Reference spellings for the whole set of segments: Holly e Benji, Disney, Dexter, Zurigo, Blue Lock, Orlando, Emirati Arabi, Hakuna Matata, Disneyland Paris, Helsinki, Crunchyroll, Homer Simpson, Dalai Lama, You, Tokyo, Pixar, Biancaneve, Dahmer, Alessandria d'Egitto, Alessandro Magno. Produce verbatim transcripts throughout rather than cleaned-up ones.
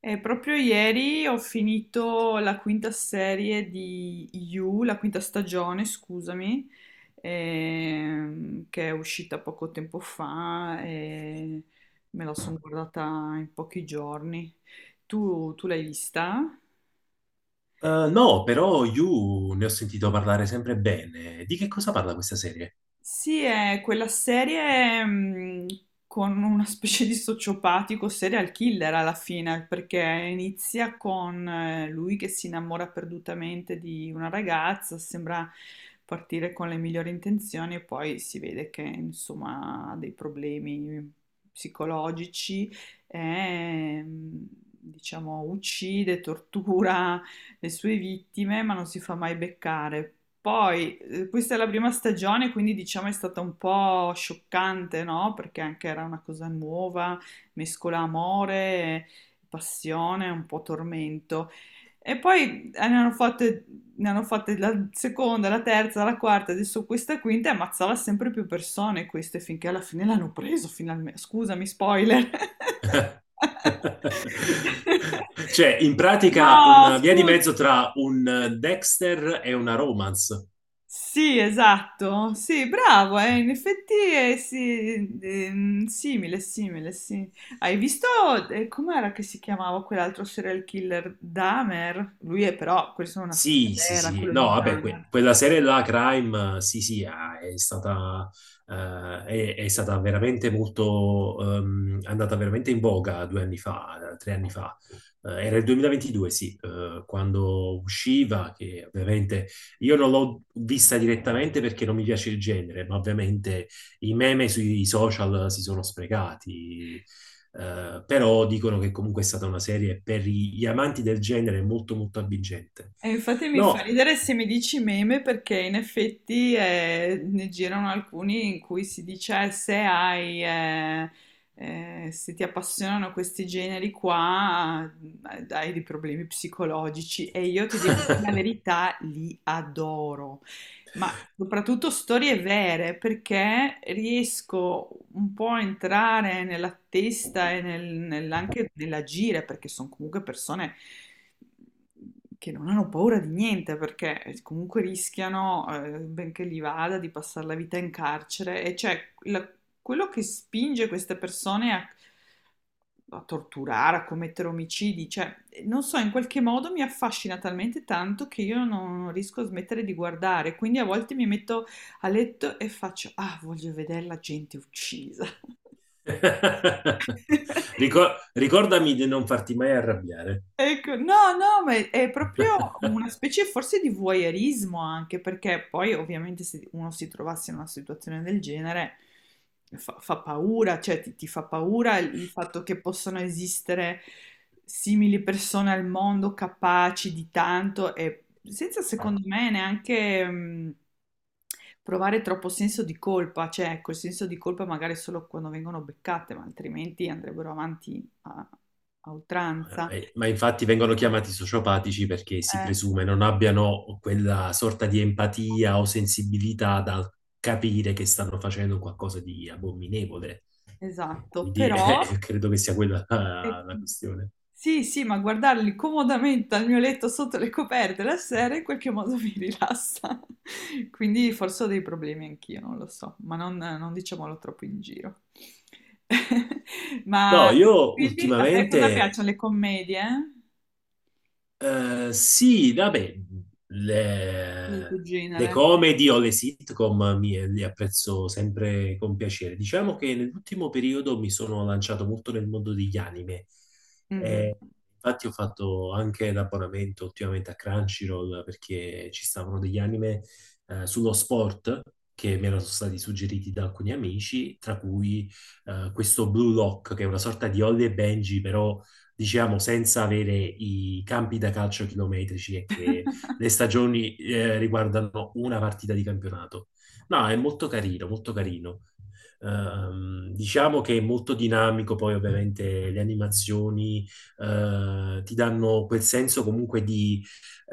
E proprio ieri ho finito la quinta serie di You, la quinta stagione, scusami, ehm, che è uscita poco tempo fa e me la sono guardata in pochi giorni. Tu, tu l'hai vista? Eh, no, però You ne ho sentito parlare sempre bene. Di che cosa parla questa serie? Sì, è quella serie mh, con una specie di sociopatico serial killer alla fine, perché inizia con eh, lui che si innamora perdutamente di una ragazza, sembra partire con le migliori intenzioni e poi si vede che insomma ha dei problemi psicologici e mh, diciamo uccide, tortura le sue vittime, ma non si fa mai beccare. Poi, eh, questa è la prima stagione, quindi diciamo è stata un po' scioccante, no? Perché anche era una cosa nuova, mescola amore, passione, un po' tormento. E poi eh, ne hanno fatte, ne hanno fatte la seconda, la terza, la quarta, adesso questa quinta e ammazzava sempre più persone queste finché alla fine l'hanno preso finalmente. Scusami, spoiler. Cioè, in pratica No, una via di scusa. mezzo tra un eh, Dexter e una romance. Sì, esatto, sì, bravo, eh, in effetti è sì, ehm, simile, simile, sì. Hai visto eh, com'era che si chiamava quell'altro serial killer, Dahmer? Lui è però, questa è una storia Sì, sì, vera, sì, quello di no, vabbè, que- Dahmer. quella serie là, Crime, eh, sì, sì, ah, è stata, eh, è, è stata veramente molto, ehm, è andata veramente in voga due anni fa, eh, tre anni fa. Eh, era il duemilaventidue, sì, eh, quando usciva, che ovviamente io non l'ho vista direttamente perché non mi piace il genere, ma ovviamente i meme sui social si sono sprecati, eh, però dicono che comunque è stata una serie per gli amanti del genere molto molto avvincente. E infatti mi fa No, ridere se mi dici meme perché in effetti eh, ne girano alcuni in cui si dice "Eh, se hai, eh, eh, se ti appassionano questi generi qua, eh, hai dei problemi psicologici e io ti devo dire la verità, li adoro, ma soprattutto storie vere perché riesco un po' a entrare nella testa e nel- nel- anche nell'agire perché sono comunque persone che non hanno paura di niente perché eh, comunque rischiano, eh, benché gli vada, di passare la vita in carcere e cioè la- quello che spinge queste persone a, a torturare, a commettere omicidi, cioè non so, in qualche modo mi affascina talmente tanto che io non non riesco a smettere di guardare, quindi a volte mi metto a letto e faccio, ah, voglio vedere la gente uccisa. Ricor- ricordami di non farti mai arrabbiare. Ecco, no, no, ma è, è proprio una specie forse di voyeurismo anche, perché poi ovviamente se uno si trovasse in una situazione del genere fa, fa paura, cioè ti, ti fa paura il, il fatto che possano esistere simili persone al mondo capaci di tanto e senza secondo me neanche mm, provare troppo senso di colpa, cioè ecco, il senso di colpa magari solo quando vengono beccate, ma altrimenti andrebbero avanti a a oltranza. Eh, eh, Ma infatti vengono chiamati sociopatici perché si Eh, presume non abbiano quella sorta di empatia o sensibilità da capire che stanno facendo qualcosa di abominevole. esatto, Quindi eh, però credo che sia quella eh, la, la questione. sì, sì, ma guardarli comodamente al mio letto sotto le coperte la sera in qualche modo mi rilassa. Quindi forse ho dei problemi anch'io, non lo so, ma non, non diciamolo troppo in giro. Ma No, io quindi a te cosa ultimamente piacciono le commedie? Eh, sì, vabbè, Il le, tuo le genere? comedy o le sitcom mi, li apprezzo sempre con piacere. Diciamo che nell'ultimo periodo mi sono lanciato molto nel mondo degli anime. Mhm. Eh, infatti ho fatto anche l'abbonamento ultimamente a Crunchyroll perché ci stavano degli anime eh, sullo sport che mi erano stati suggeriti da alcuni amici, tra cui eh, questo Blue Lock, che è una sorta di Holly e Benji, però diciamo, senza avere i campi da calcio chilometrici e che le stagioni eh, riguardano una partita di campionato. No, è molto carino, molto carino. Ehm, diciamo che è molto dinamico, poi ovviamente le animazioni eh, ti danno quel senso comunque di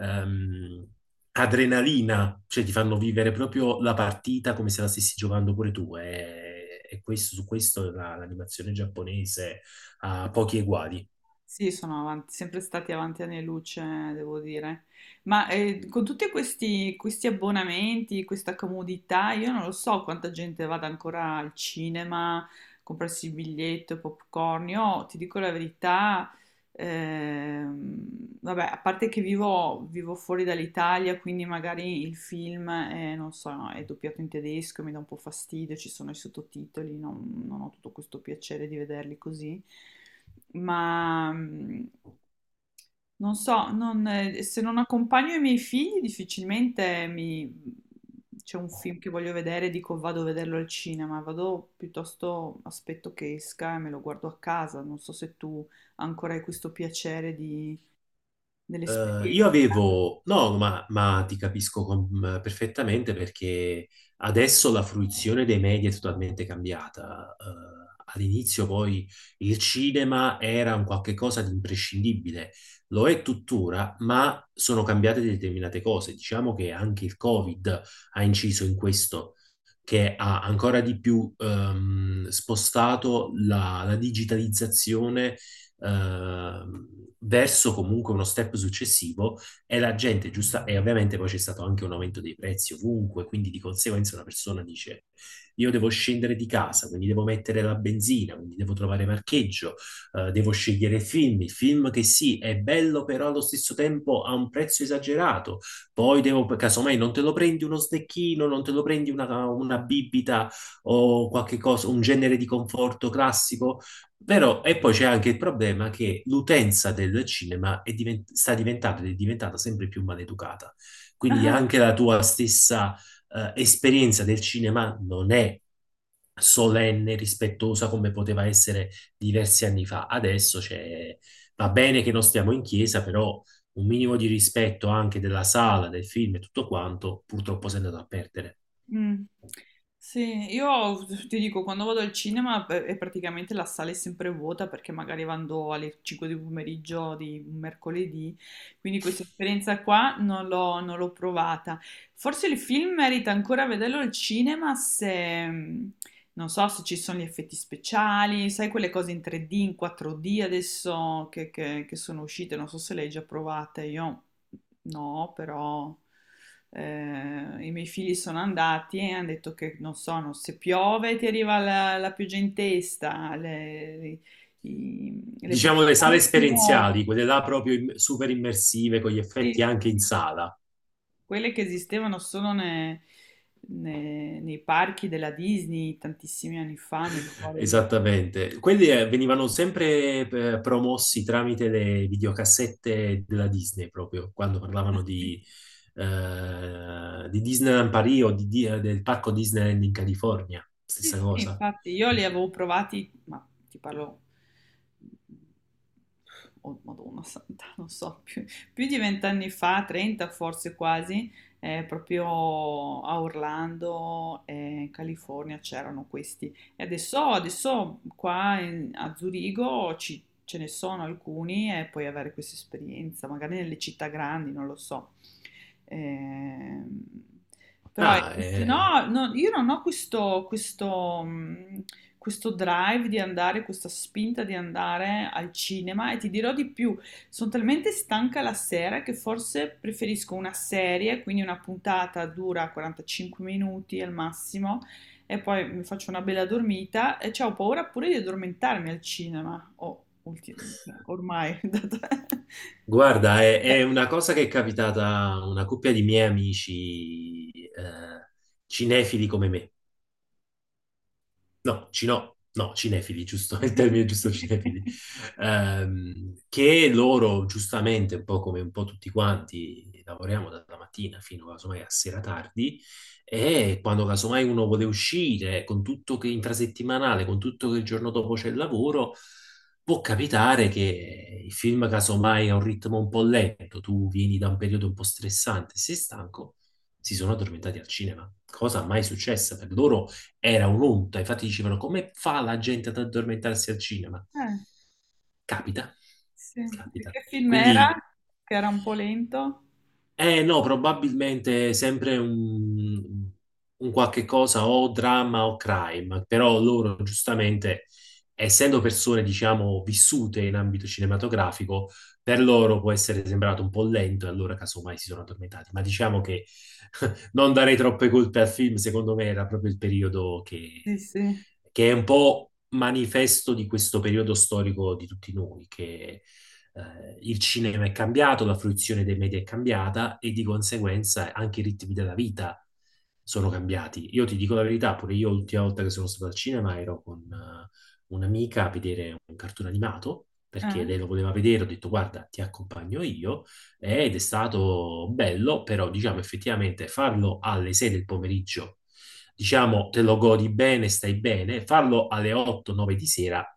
ehm, adrenalina, cioè ti fanno vivere proprio la partita come se la stessi giocando pure tu. E, e questo, su questo la- l'animazione giapponese ha pochi eguali. Sì, sono avanti- sempre stati avanti anni luce, devo dire. Ma eh, con tutti questi, questi abbonamenti, questa comodità, io non lo so quanta gente vada ancora al cinema, a comprarsi il biglietto, popcorn. Io ti dico la verità, ehm, vabbè, a parte che vivo, vivo fuori dall'Italia, quindi magari il film è, non so, no, è doppiato in tedesco, mi dà un po' fastidio, ci sono i sottotitoli, non non ho tutto questo piacere di vederli così ma mh, non so, non- eh, se non accompagno i miei figli difficilmente mi- c'è un film che voglio vedere e dico vado a vederlo al cinema, vado piuttosto aspetto che esca e me lo guardo a casa, non so se tu ancora hai questo piacere di- Eh, io dell'esperienza. avevo, no, ma, ma ti capisco com- perfettamente perché adesso la fruizione dei media è totalmente cambiata. Eh, all'inizio poi il cinema era un qualche cosa di imprescindibile, lo è tuttora, ma sono cambiate determinate cose. Diciamo che anche il Covid ha inciso in questo, che ha ancora di più ehm, spostato la la digitalizzazione ehm, verso comunque uno step successivo e la gente giusta, e ovviamente poi c'è stato anche un aumento dei prezzi ovunque, quindi di conseguenza una persona dice io devo scendere di casa, quindi devo mettere la benzina, quindi devo trovare parcheggio, eh, devo scegliere film, il film che sì, è bello però allo stesso tempo ha un prezzo esagerato, poi devo, casomai non te lo prendi uno snecchino, non te lo prendi una, una bibita o qualche cosa, un genere di conforto classico. Vero, e poi c'è anche il problema che l'utenza del cinema è diven- sta diventando ed è diventata sempre più maleducata. Quindi anche la tua stessa eh, esperienza del cinema non è solenne, rispettosa come poteva essere diversi anni fa. Adesso c'è- va bene che non stiamo in chiesa, però un minimo di rispetto anche della sala, del film e tutto quanto, purtroppo si è andato a perdere. Mm. Sì, io ti dico, quando vado al cinema eh, è praticamente la sala è sempre vuota perché magari vado alle cinque di pomeriggio di un mercoledì, quindi questa esperienza qua non l'ho non l'ho provata. Forse il film merita ancora vederlo al cinema se, mm, non so se ci sono gli effetti speciali, sai quelle cose in tre D, in quattro D adesso che, che- che sono uscite, non so se le hai già provate, io no, però eh, i miei figli sono andati e hanno detto che non so, non- se piove ti arriva la, la pioggia in testa, le, le, i- le Diciamo le sale poltrone si muovono. esperienziali, quelle là proprio im- super immersive, con gli Sì, effetti anche in sì, sì, sala. quelle che esistevano solo ne- ne- nei parchi della Disney tantissimi anni fa, mi ricordo. di- Esattamente. Quelli eh, venivano sempre eh, promossi tramite le videocassette della Disney, proprio quando parlavano Sì, di, eh, di Disneyland Paris o di- di- eh, del parco Disneyland in California. sì, Stessa sì, cosa. infatti io li avevo provati, ma ti parlo, oh Madonna santa, non so, più, più di vent'anni fa, trenta forse quasi, eh, proprio a Orlando, eh, in California c'erano questi. E adesso, adesso qua in- a Zurigo ci- ce ne sono alcuni e puoi avere questa esperienza, magari nelle città grandi, non lo so. Ehm, però Ah, ecco, se eh, no, no, io non ho questo, questo, mh, questo drive di andare, questa spinta di andare al cinema e ti dirò di più, sono talmente stanca la sera che forse preferisco una serie, quindi una puntata dura quarantacinque minuti al massimo e poi mi faccio una bella dormita e c'ho paura pure di addormentarmi al cinema, o ulti- no, ormai, da te. guarda, è, è Cioè, una cosa che è capitata a una coppia di miei amici eh, cinefili come me. No, cino- no, cinefili, giusto, il termine giusto, cinefili. sì. Ehm, che loro giustamente, un po' come un po' tutti quanti, lavoriamo dalla mattina fino casomai a sera tardi e quando casomai uno vuole uscire con tutto che intrasettimanale, con tutto che il giorno dopo c'è il lavoro, può capitare che il film casomai ha un ritmo un po' lento, tu vieni da un periodo un po' stressante, sei stanco, si sono addormentati al cinema, cosa mai successa per loro era un'onta, infatti dicevano come fa la gente ad addormentarsi al cinema? Eh, Capita, sì. E capita. che film era? Quindi Che era un po' lento? eh no, probabilmente sempre un, un qualche cosa o dramma o crime, però loro giustamente, essendo persone, diciamo, vissute in ambito cinematografico, per loro può essere sembrato un po' lento e allora casomai si sono addormentati. Ma diciamo che non darei troppe colpe al film, secondo me era proprio il periodo Sì, che, sì. che è un po' manifesto di questo periodo storico di tutti noi, che eh, il cinema è cambiato, la fruizione dei media è cambiata e di conseguenza anche i ritmi della vita sono cambiati. Io ti dico la verità, pure io l'ultima volta che sono stato al cinema ero con eh, un'amica a vedere un cartone animato, perché lei Eh. lo voleva vedere, ho detto guarda, ti accompagno io, ed è stato bello, però diciamo effettivamente farlo alle sei del pomeriggio, diciamo te lo godi bene, stai bene, farlo alle otto nove di sera.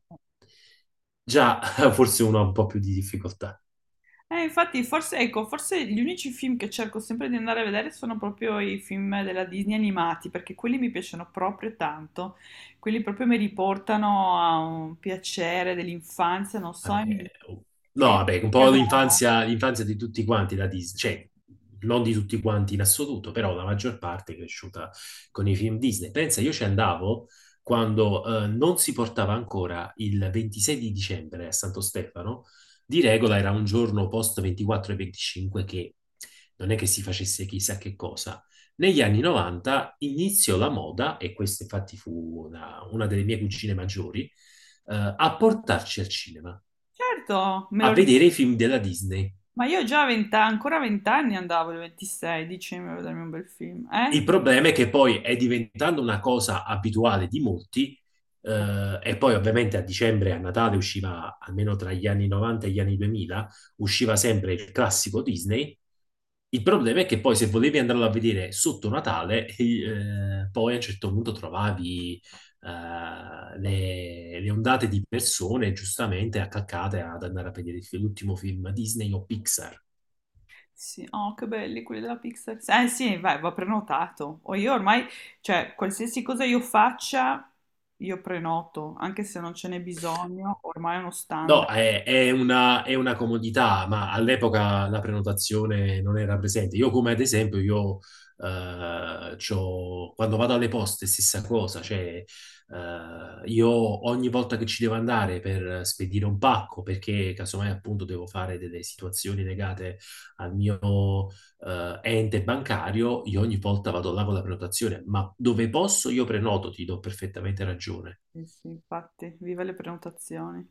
Già, forse uno ha un po' più di difficoltà. Eh, infatti, forse, ecco, forse gli unici film che cerco sempre di andare a vedere sono proprio i film della Disney animati, perché quelli mi piacciono proprio tanto. Quelli proprio mi riportano a un piacere dell'infanzia, non so, e mi, Vabbè, oh, no, e vabbè, un mi po' adoro. l'infanzia, l'infanzia di tutti quanti la Disney, cioè non di tutti quanti in assoluto, però la maggior parte è cresciuta con i film Disney. Pensa, io ci andavo quando eh, non si portava ancora il ventisei di dicembre a Santo Stefano, di regola era un giorno post ventiquattro e venticinque che non è che si facesse chissà che cosa. Negli anni novanta iniziò la moda, e questa infatti fu una, una delle mie cugine maggiori, eh, a portarci al cinema Certo, me a lo ricordo. vedere i film della Disney. Ma io già a venti ancora a venti anni andavo, il ventisei, dicevo, a vedermi un bel film. Eh? Il problema è che poi è diventando una cosa abituale di molti, eh, e poi ovviamente a dicembre e a Natale usciva, almeno tra gli anni novanta e gli anni duemila, usciva sempre il classico Disney. Il problema è che poi se volevi andarlo a vedere sotto Natale, eh, poi a un certo punto trovavi eh, le, le ondate di persone giustamente attaccate ad andare a vedere il fi- l'ultimo film Disney o Pixar. Sì, oh, che belli quelli della Pixar. Eh sì, vai, va prenotato. O io ormai, cioè, qualsiasi cosa io faccia, io prenoto, anche se non ce n'è bisogno, ormai è uno No, standard. è, è una, è una comodità, ma all'epoca la prenotazione non era presente. Io, come ad esempio, io eh, c'ho- quando vado alle poste, stessa cosa, cioè eh, io ogni volta che ci devo andare per spedire un pacco, perché casomai appunto devo fare delle situazioni legate al mio eh, ente bancario, io ogni volta vado là con la prenotazione, ma dove posso io prenoto, ti do perfettamente ragione. Sì, sì, infatti, viva le prenotazioni.